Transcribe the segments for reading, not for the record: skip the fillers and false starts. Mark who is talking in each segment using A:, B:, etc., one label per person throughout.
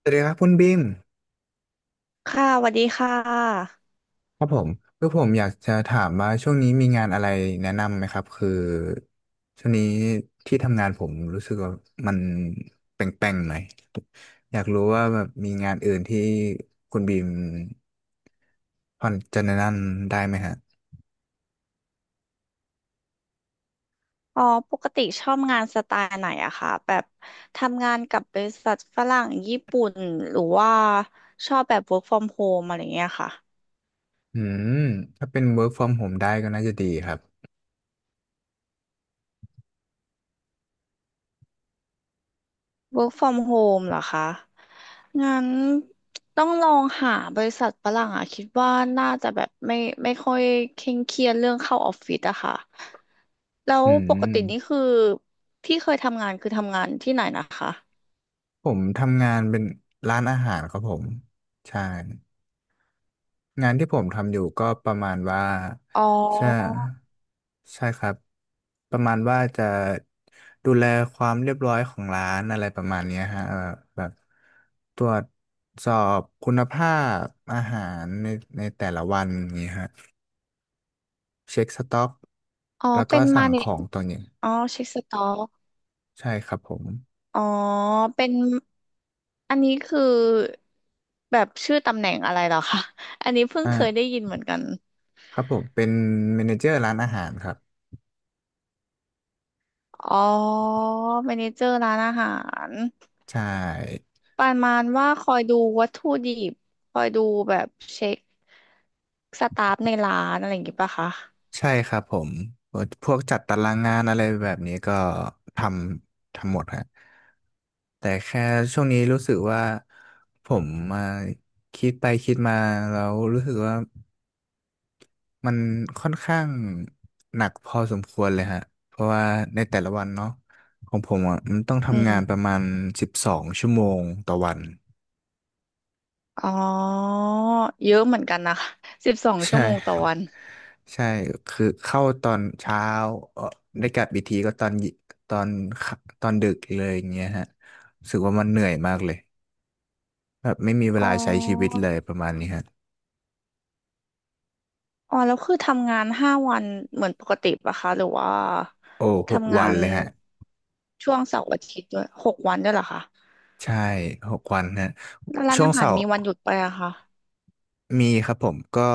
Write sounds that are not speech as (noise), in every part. A: สวัสดีครับคุณบิม
B: ค่ะสวัสดีค่ะ
A: ครับผมคือผมอยากจะถามว่าช่วงนี้มีงานอะไรแนะนำไหมครับคือช่วงนี้ที่ทำงานผมรู้สึกว่ามันแป่งๆหน่อยอยากรู้ว่าแบบมีงานอื่นที่คุณบีมพอจะแนะนำได้ไหมฮะ
B: อ๋อปกติชอบงานสไตล์ไหนอะคะแบบทำงานกับบริษัทฝรั่งญี่ปุ่นหรือว่าชอบแบบ work from home อะไรเงี้ยค่ะ
A: อืมถ้าเป็น work from home ได้ก็น่าจะดีครับ
B: work from home เหรอคะงั้นต้องลองหาบริษัทฝรั่งอะคิดว่าน่าจะแบบไม่ค่อยเคร่งเครียดเรื่องเข้าออฟฟิศอะค่ะแล้ว
A: อื
B: ปกตินี่
A: ม
B: คือที่เคยทำงานคือทำงานที่ไหนนะคะ
A: ผมทำงานเป็นร้านอาหารครับผมใช่ งานที่ผมทำอยู่ก็ประมาณว่า
B: อ๋อ
A: ใช่ใช่ครับประมาณว่าจะดูแลความเรียบร้อยของร้านอะไรประมาณเนี้ยฮะแบบตรวจสอบคุณภาพอาหารในแต่ละวันอย่างนี้ฮะเช็คสต็อก
B: อ๋อ
A: แล้วก็
B: เป็น
A: สั่
B: มา
A: ง
B: เน
A: ข
B: จ
A: องตัวนี้
B: อ๋อเช็คสต็อก
A: ใช่ครับผม
B: อ๋อ เป็นอันนี้คือแบบชื่อตำแหน่งอะไรเหรอคะอันนี้เพิ่ง
A: อ่า
B: เคยได้ยินเหมือนกัน
A: ครับผมเป็นเมเนเจอร์ร้านอาหารครับ
B: อ๋อเมเนเจอร์ร้านอาหาร
A: ใช่
B: ประมาณว่าคอยดูวัตถุดิบคอยดูแบบเช็คสตาฟในร้านอะไรอย่างงี้ปะคะ
A: ใช่ครับผมพวกจัดตารางงานอะไรแบบนี้ก็ททำหมดฮะแต่แค่ช่วงนี้รู้สึกว่าผมมาคิดไปคิดมาแล้วรู้สึกว่ามันค่อนข้างหนักพอสมควรเลยฮะเพราะว่าในแต่ละวันเนาะของผมอ่ะมันต้อง
B: อื
A: ทำ
B: ม
A: งานประมาณ12 ชั่วโมงต่อวัน
B: อ๋อ เยอะเหมือนกันนะคะสิบสองชั่
A: ใช่
B: วโมงต่อ
A: (laughs)
B: วัน
A: ใช่คือเข้าตอนเช้าเออได้กลับอีกทีก็ตอนค่ำตอนดึกเลยอย่างเงี้ยฮะรู้สึกว่ามันเหนื่อยมากเลยแบบไม่มีเว
B: อ๋อ
A: ลาใช้ชีวิตเลยประมาณนี้ฮะ
B: อ๋อแล้วคือทำงานห้าวันเหมือนปกติปะคะหรือว่า
A: โอ้หก
B: ทำงา
A: วัน
B: น
A: เลยฮะ
B: ช่วงเสาร์อาทิตย์ด้วย6 วันด้วยเหรอคะ
A: ใช่หกวันฮะ
B: แล้วร้าน
A: ช่วง
B: อาหาร
A: เสาร์
B: มีวันหยุดไปอะคะ
A: มีครับผมก็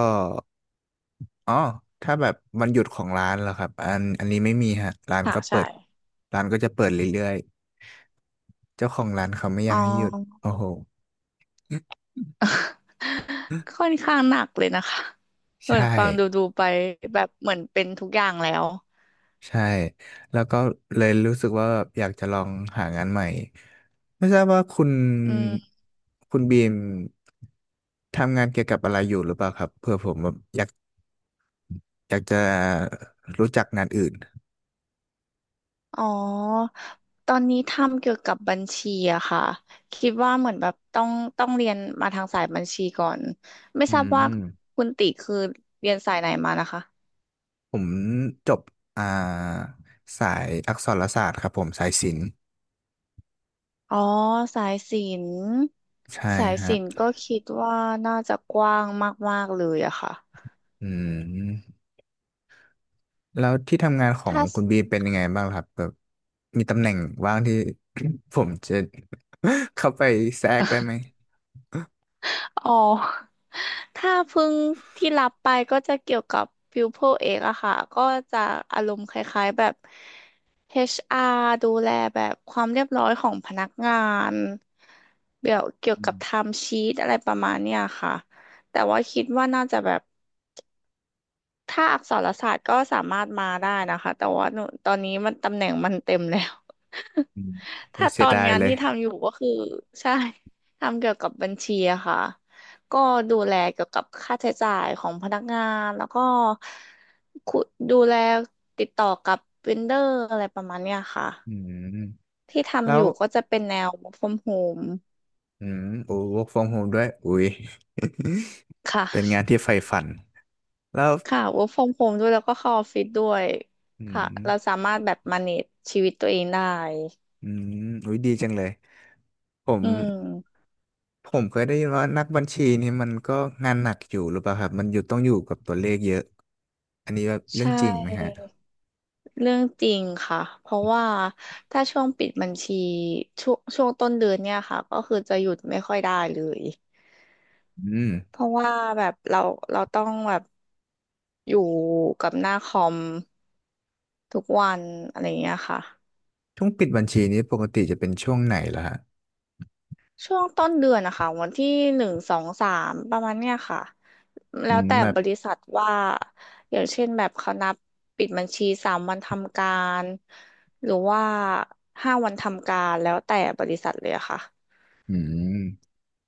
A: อ๋อถ้าแบบวันหยุดของร้านเหรอครับอันนี้ไม่มีฮะร้าน
B: ค่ะ
A: ก็เปิ
B: ใช่
A: ดร้านก็จะเปิดเรื่อยๆเจ้าของร้านเขาไม่อ
B: อ๋
A: ยากให้หยุด
B: อ
A: โอ้โห
B: ค่อนข้างหนักเลยนะคะเหมือ
A: ใช่
B: นฟังดูดูไปแบบเหมือนเป็นทุกอย่างแล้ว
A: ใช่แล้วก็เลยรู้สึกว่าแบบอยากจะลองหางานใหม่ไม่ทราบว่าคุณ
B: อืม
A: บีมทำงานเกี่ยวกับอะไรอยู่หรือเปล่าครับเผื่อผมแบบอยากจะรู้จักงานอื่น
B: อ๋อตอนนี้ทำเกี่ยวกับบัญชีอะค่ะคิดว่าเหมือนแบบต้องเรียนมาทางสายบัญชีก่อน ไม่
A: อื
B: ทราบว่า
A: ม
B: คุณติคือเรียนสายไหนมานะคะ
A: ผมจบอ่าสายอักษรศาสตร์ครับผมสายศิลป์
B: อ๋อสายศิลป์
A: ใช่
B: สาย
A: ฮะ
B: ศิลป์ก็คิดว่าน่าจะกว้างมากๆเลยอะค่ะ
A: อืมแล้วที่ทำงานของ
B: ถ้า
A: คุณบีเป็นยังไงบ้างครับแบบมีตำแหน่งว่างที่ (coughs) ผมจะ (coughs) (laughs) เข้าไปแทรกได้ไหม
B: อ๋อถ้าเพิ่งที่รับไปก็จะเกี่ยวกับฟิวโพเอกอะค่ะก็จะอารมณ์คล้ายๆแบบ HR ดูแลแบบความเรียบร้อยของพนักงานเดี๋ยวเกี่ยว
A: อื
B: กับไท
A: ม
B: ม์ชีตอะไรประมาณเนี้ยค่ะแต่ว่าคิดว่าน่าจะแบบ ถ้าอักษรศาสตร์ก็สามารถมาได้นะคะ แต่ว่าหนูตอนนี้มันตำแหน่งมันเต็มแล้ว
A: อืม
B: (laughs)
A: โอ้
B: ถ้า
A: ย
B: ต
A: เสีย
B: อน
A: ดาย
B: งาน
A: เลย
B: ที่ทำอยู่ก็คือใช่ทำเกี่ยวกับบัญชีอะค่ะก็ดูแลเกี่ยวกับค่าใช้จ่ายของพนักงานแล้วก็คุดูแลติดต่อกับเวนเดอร์อะไรประมาณเนี้ยค่ะ
A: อืม
B: ที่
A: แล้
B: ทำอ
A: ว
B: ยู่ก็จะเป็นแนว work from home
A: อืมโอ้ work from home ด้วยอุ้ย
B: ค่ะ
A: (laughs) เป็นงานที่ใฝ่ฝันแล้ว
B: ค่ะ work from home ด้วยแล้วก็เข้าออฟฟิศด้วย
A: อื
B: ค่ะ
A: ม
B: เราสามารถแบบ manage ชีวิตตัวเองได้
A: อืมอุ้ยดีจังเลยผม
B: อืม
A: เคยได้ยินว่านักบัญชีนี่มันก็งานหนักอยู่หรือเปล่าครับมันอยู่ต้องอยู่กับตัวเลขเยอะอันนี้แบบเรื่อ
B: ใช่
A: งจริงไหมฮะ
B: เรื่องจริงค่ะเพราะว่าถ้าช่วงปิดบัญชีช่วงต้นเดือนเนี่ยค่ะก็คือจะหยุดไม่ค่อยได้เลย
A: อืม
B: เพราะว่าแบบเราต้องแบบอยู่กับหน้าคอมทุกวันอะไรอย่างเงี้ยค่ะ
A: ช่วงปิดบัญชีนี้ปกติจะเป็นช่วงไหนล่ะฮะ
B: ช่วงต้นเดือนนะคะวันที่หนึ่งสองสามประมาณเนี้ยค่ะแล้
A: อื
B: ว
A: ม
B: แต่
A: แบบ
B: บริษัทว่าอย่างเช่นแบบเขานับปิดบัญชี3 วันทำการหรือว่าห้าวันทำการแล้วแต่บริษัทเลยอะค่ะ
A: อืม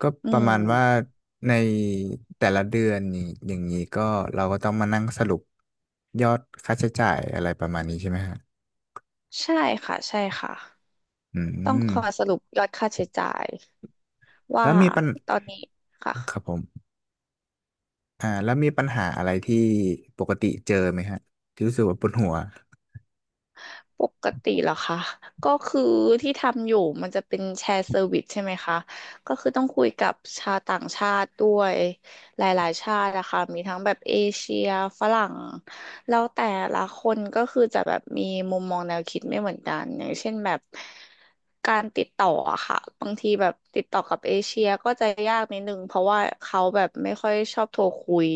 A: ก็
B: อื
A: ประ
B: ม
A: มาณว่าในแต่ละเดือนนี่อย่างนี้ก็เราก็ต้องมานั่งสรุปยอดค่าใช้จ่ายอะไรประมาณนี้ใช่ไหมฮะ
B: ใช่ค่ะใช่ค่ะ
A: อื
B: ต้อง
A: ม
B: คอยสรุปยอดค่าใช้จ่ายว่า
A: แล้วมีปัญ
B: ตอนนี้ค่ะ
A: ครับผมแล้วมีปัญหาอะไรที่ปกติเจอไหมฮะที่รู้สึกว่าปวดหัว
B: ปกติเหรอคะก็คือที่ทำอยู่มันจะเป็นแชร์เซอร์วิสใช่ไหมคะก็คือต้องคุยกับชาวต่างชาติด้วยหลายๆชาตินะคะมีทั้งแบบเอเชียฝรั่งแล้วแต่ละคนก็คือจะแบบมีมุมมองแนวคิดไม่เหมือนกันอย่างเช่นแบบการติดต่ออะค่ะบางทีแบบติดต่อกับเอเชียก็จะยากนิดนึงเพราะว่าเขาแบบไม่ค่อยชอบโทรคุย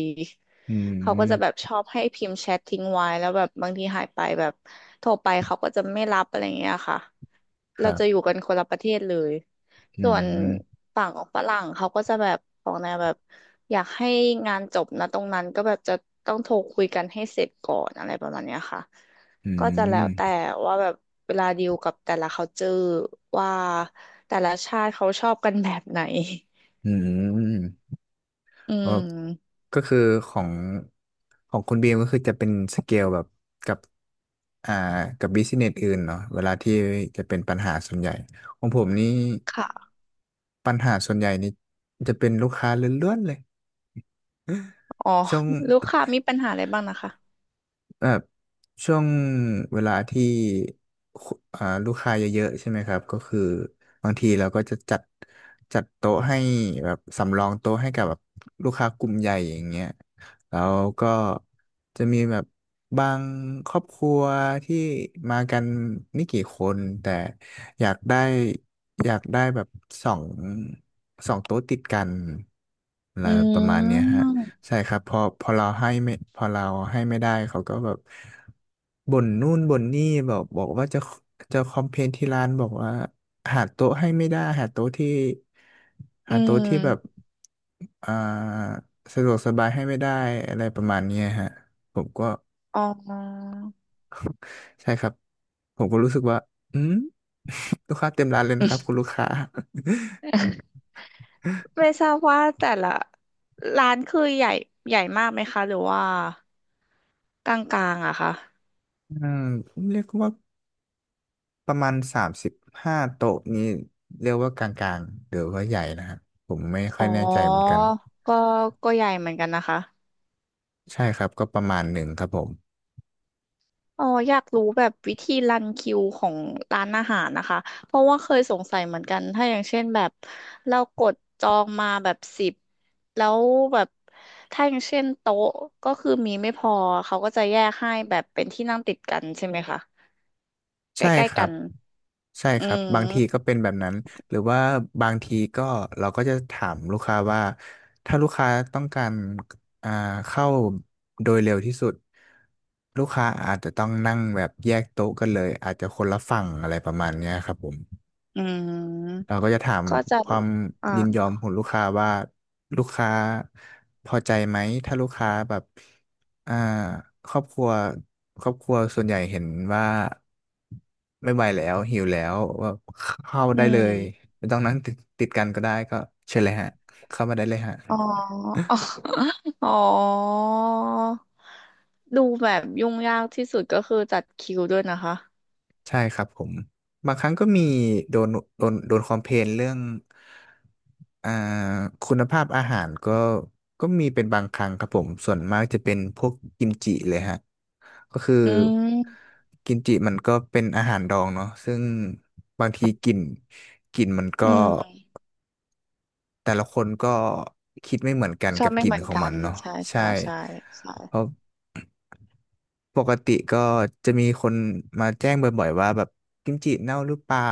A: อื
B: เขาก็จะแบบ
A: ม
B: ชอบให้พิมพ์แชททิ้งไว้แล้วแบบบางทีหายไปแบบโทรไปเขาก็จะไม่รับอะไรเงี้ยค่ะ
A: ค
B: เรา
A: รั
B: จะอยู่
A: บ
B: กันคนละประเทศเลย
A: อื
B: ส่วน
A: ม
B: ฝั่งของฝรั่งเขาก็จะแบบของแนวแบบอยากให้งานจบนะตรงนั้นก็แบบจะต้องโทรคุยกันให้เสร็จก่อนอะไรประมาณเนี้ยค่ะ
A: อื
B: ก็จะแล้
A: ม
B: วแต่ว่าแบบเวลาดีลกับแต่ละ culture ว่าแต่ละชาติเขาชอบกันแบบไหน
A: อืม
B: อื
A: เออ
B: ม
A: ก็คือของคุณบีมก็คือจะเป็นสเกลแบบกับอ่ากับบิสเนสอื่นเนาะเวลาที่จะเป็นปัญหาส่วนใหญ่ของผมนี่
B: ค่ะ
A: ปัญหาส่วนใหญ่นี่จะเป็นลูกค้าล้วนๆเลย
B: อ๋อ
A: ช่วง
B: ลูกค้ามีปัญหาอะไรบ้างนะคะ
A: แบบช่วงเวลาที่คุอ่าลูกค้าเยอะๆใช่ไหมครับก็คือบางทีเราก็จะจัดโต๊ะให้แบบสำรองโต๊ะให้กับแบบลูกค้ากลุ่มใหญ่อย่างเงี้ยแล้วก็จะมีแบบบางครอบครัวที่มากันไม่กี่คนแต่อยากได้อยากได้แบบสองสองโต๊ะติดกันอะไร
B: อื
A: ประมาณเนี้ยฮะ
B: ม
A: ใช่ครับพอเราให้ไม่พอเราให้ไม่ได้เขาก็แบบบ่นนู่นบ่นนี่บอกว่าจะคอมเพลนที่ร้านบอกว่าหาโต๊ะให้ไม่ได้หาโต๊ะที่
B: อื
A: หาโต๊ะที่แบบ
B: ม
A: อ่าสะดวกสบายให้ไม่ได้อะไรประมาณเนี้ยฮะผมก็
B: อ๋อ
A: (laughs) ใช่ครับผมก็รู้สึกว่าอืมลูกค้าเต็มร้านเลย
B: อื
A: นะครับคุ
B: ม
A: ณลูกค้า
B: ไม่ทราบว่าแต่ละร้านคือใหญ่ใหญ่มากไหมคะหรือว่ากลางๆอะคะ
A: (laughs) อืมเรียกว่า ประมาณ35 โต๊ะนี้เรียกว่ากลางๆหรือว่าใหญ่นะครับผมไม่ค่อ
B: อ๋
A: ย
B: อ
A: แน่ใจเหมือนกัน
B: ก็ก็ใหญ่เหมือนกันนะคะ
A: ใช่ครับก็ประมาณหนึ่งครับผม
B: อ๋ออยากรู้แบบวิธีรันคิวของร้านอาหารนะคะเพราะว่าเคยสงสัยเหมือนกันถ้าอย่างเช่นแบบเรากดจองมาแบบสิบแล้วแบบถ้าอย่างเช่นโต๊ะก็คือมีไม่พอเขาก็จะแยกให้แบบเป็นที่นั่งติดกันใช่ไหมคะใก
A: ใช่
B: ล้
A: ค
B: ๆ
A: รั
B: กั
A: บ
B: น
A: ใช่
B: อื
A: ครับบางทีก็
B: ม
A: เป็นแบบนั้นหรือว่าบางทีก็เราก็จะถามลูกค้าว่าถ้าลูกค้าต้องการอ่าเข้าโดยเร็วที่สุดลูกค้าอาจจะต้องนั่งแบบแยกโต๊ะกันเลยอาจจะคนละฝั่งอะไรประมาณเนี้ยครับผม
B: อื
A: เรา
B: ม
A: ก็จะถาม
B: ก็จะ
A: ความ
B: อ่า
A: ยินยอมของลูกค้าว่าลูกค้าพอใจไหมถ้าลูกค้าแบบอ่าครอบครัวส่วนใหญ่เห็นว่าไม่ไหวแล้วหิวแล้วว่าเข้า
B: อื
A: ได้เลย
B: ม
A: ไม่ต้องนั่งติดกันก็ได้ก็เชิญเลยฮะเข้ามาได้เลยฮะ
B: อ๋ออ๋ออ๋อดูแบบยุ่งยากที่สุดก็คือจัดคิวด้วยนะคะ
A: ใช่ครับผมบางครั้งก็มีโดนโดนคอมเพลนเรื่องอ่าคุณภาพอาหารก็ก็มีเป็นบางครั้งครับผมส่วนมากจะเป็นพวกกิมจิเลยฮะก็คือ
B: อืม
A: กิมจิมันก็เป็นอาหารดองเนาะซึ่งบางทีกลิ่นมันก็
B: อืม
A: แต่ละคนก็คิดไม่เหมือนกัน
B: ชอ
A: กั
B: บ
A: บก
B: ไม่
A: ลิ่
B: เห
A: น
B: มือ
A: ข
B: น
A: อง
B: กั
A: มั
B: น
A: นเนาะ
B: ใช่
A: ใช่
B: ใช่ใช่ใช่
A: เพราะปกติก็จะมีคนมาแจ้งบ่อยๆว่าแบบกิมจิเน่าหรือเปล่า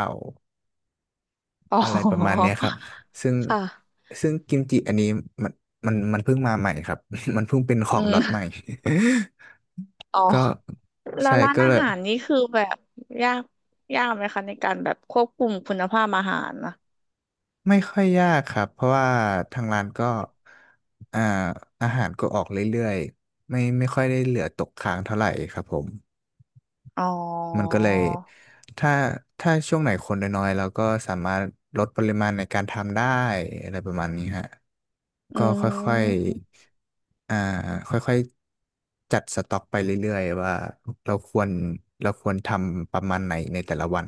B: อ๋อ
A: อะไรประมาณเนี้ยครับซึ่ง
B: ค่ะ
A: ซึ่งกิมจิอันนี้มันมันเพิ่งมาใหม่ครับ (laughs) มันเพิ่งเป็นข
B: อื
A: องล็อ
B: ม
A: ตใหม่
B: อ๋อ
A: (laughs) ก็
B: แล้ว
A: ใช่
B: ร้าน
A: ก็
B: อา
A: เลย
B: หารนี่คือแบบยากยากไหมคะในการแบบควบคุมคุณภาพอาหารนะ
A: ไม่ค่อยยากครับ เพราะว่าทางร้านก็อ่าอาหารก็ออกเรื่อยๆไม่ค่อยได้เหลือตกค้างเท่าไหร่ครับผม
B: อ๋อ
A: มันก็เลยถ้าถ้าช่วงไหนคนน้อยๆเราก็สามารถลดปริมาณในการทำได้อะไรประมาณนี้ฮะ
B: อื
A: ก็ค่อย
B: ม
A: ๆค่อยๆจัดสต็อกไปเรื่อยๆว่าเราควรเราควรทำประมาณไหนในแต่ละวัน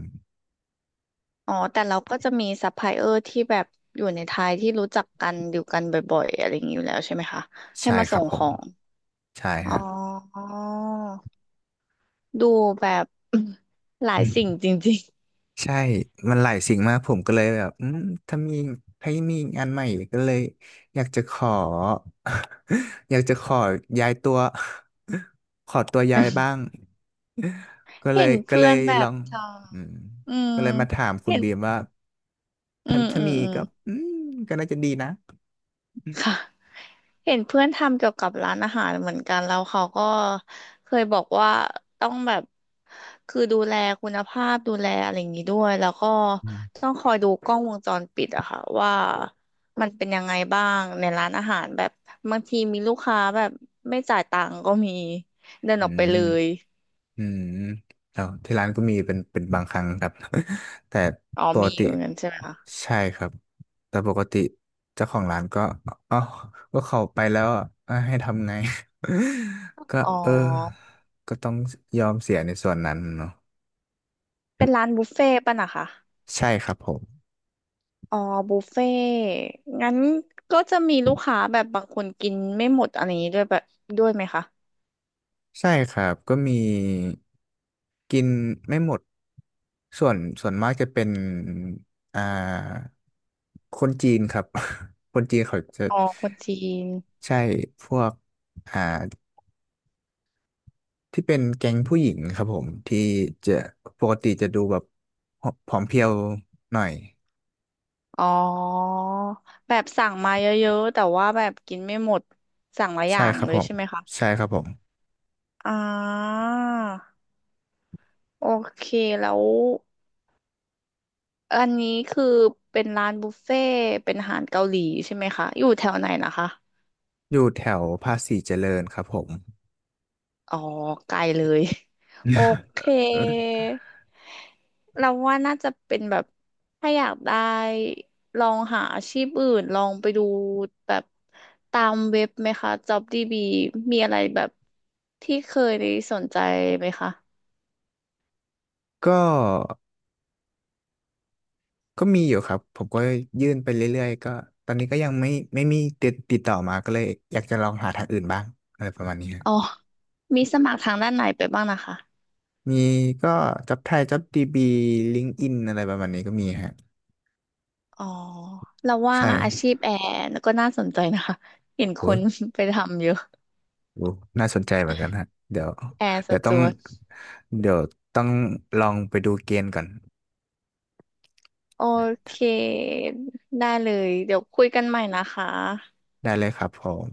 B: อ๋อแต่เราก็จะมีซัพพลายเออร์ที่แบบอยู่ในไทยที่รู้จักกันอยู่กันบ่อยๆอะไรอย่างนี้อยู่แล้วใช่ไหมคะให้
A: ใช่
B: มา
A: ค
B: ส่
A: รับ
B: ง
A: ผ
B: ข
A: ม
B: อง
A: ใช่
B: อ๋
A: ฮะ
B: อดูแบบ (clears throat) หลายสิ่งจริง
A: ใช่มันหลายสิ่งมากผมก็เลยแบบอืมถ้ามีถ้ามีงานใหม่ก็เลยอยากจะขอ (laughs) อยากจะขอย้ายตัว (laughs) ขอตัวย้ายบ้างก็เล
B: เห็
A: ย
B: น
A: ก็
B: เพื่
A: เล
B: อ
A: ย
B: นแบ
A: ลอ
B: บ
A: ง
B: ท
A: อืม
B: ำอืม
A: ก็เลยมาถามคุณ
B: เห็น
A: บีมว่า
B: อื
A: ถ้า
B: ม
A: ถ้า
B: อืม
A: มี
B: อืม
A: ก็อืมก็น่าจะดีนะอ
B: ค่ะเห็นเพื่อนทำเกี่ยวกับร้านอาหารเหมือนกันแล้วเขาก็เคยบอกว่าต้องแบบคือดูแลคุณภาพดูแลอะไรอย่างนี้ด้วยแล้วก็
A: ืม
B: ต้องคอยดูกล้องวงจรปิดอะค่ะว่ามันเป็นยังไงบ้างในร้านอาหารแบบบางทีมีลูกค้าแบบไม่จ่ายตังค์ก็มีเดิน
A: อื
B: ออกไป
A: ม
B: เลย
A: อืมแล้วที่ร้านก็มีเป็นบางครั้งครับ (laughs) แต่
B: อ๋อ
A: ปก
B: มี
A: ติ
B: เหมือนกันใช่ไหมคะ
A: ใช่ครับแต่ปกติเจ้าของร้านก็อ๋อก็เขาไปแล้วอ่ะเอ้ยให้ทำไง (laughs) ก็
B: อ๋อ
A: เออก็ต้องยอมเสียในส่วนนั้นเนาะ
B: เป็นร้านบุฟเฟ่ต์ป่ะนะคะ
A: ใช่ครับผม
B: อ๋อบุฟเฟ่งั้นก็จะมีลูกค้าแบบบางคนกินไม่หมดอะไรอย่างนี้ด้วยแบบด้วยไหมคะ
A: ใช่ครับก็มีกินไม่หมดส่วนมากจะเป็นอ่าคนจีนครับ (laughs) คนจีนเขาจะ
B: อ๋อคนจีน
A: ใช่พวกอ่าที่เป็นแก๊งผู้หญิงครับผมที่จะปกติจะดูแบบผอมเพรียวหน่อย
B: อ๋อแบบสั่งมาเยอะๆแต่ว่าแบบกินไม่หมดสั่งหลายอ
A: ใช่
B: ย่าง
A: ครับ
B: เล
A: ผ
B: ย
A: ม
B: ใช่ไหมคะ
A: ใช่ครับผม
B: อ่าโอเคแล้วอันนี้คือเป็นร้านบุฟเฟ่ต์เป็นอาหารเกาหลีใช่ไหมคะอยู่แถวไหนนะคะ
A: อยู่แถวภาษีเจริญครับผม
B: อ๋อไกลเลย (laughs) โอเคเราว่าน่าจะเป็นแบบถ้าอยากได้ลองหาอาชีพอื่นลองไปดูแบบตามเว็บไหมคะ JobDB มีอะไรแบบที่เคยสนใจไหมคะ
A: (laughs) ก็ ก็มีอยู่ครับผมก็ยื่นไปเรื่อยๆก็ตอนนี้ก็ยังไม่ไม่มีติดต่อมาก็เลยอยากจะลองหาทางอื่นบ้างอะไรประมาณนี้ฮะ
B: อ๋อมีสมัครทางด้านไหนไปบ้างนะคะ
A: มีก็จับไทยจับดีบีลิงก์อินอะไรประมาณนี้ก็มีฮะ
B: อ๋อเราว่า
A: ใช่
B: อาชีพแอร์ก็น่าสนใจนะคะเห็นค
A: โอ้
B: น (laughs) ไปทำเยอะ
A: โหน่าสนใจเหมือนกันฮะเดี๋ยว
B: แอร์ส
A: เดี๋ยวต้อง
B: จ๊วต
A: เดี๋ยวต้องลองไปดูเกณฑ์ก่อน
B: โอเค ได้เลย เดี๋ยวคุยกันใหม่นะคะ
A: ได้เลยครับผม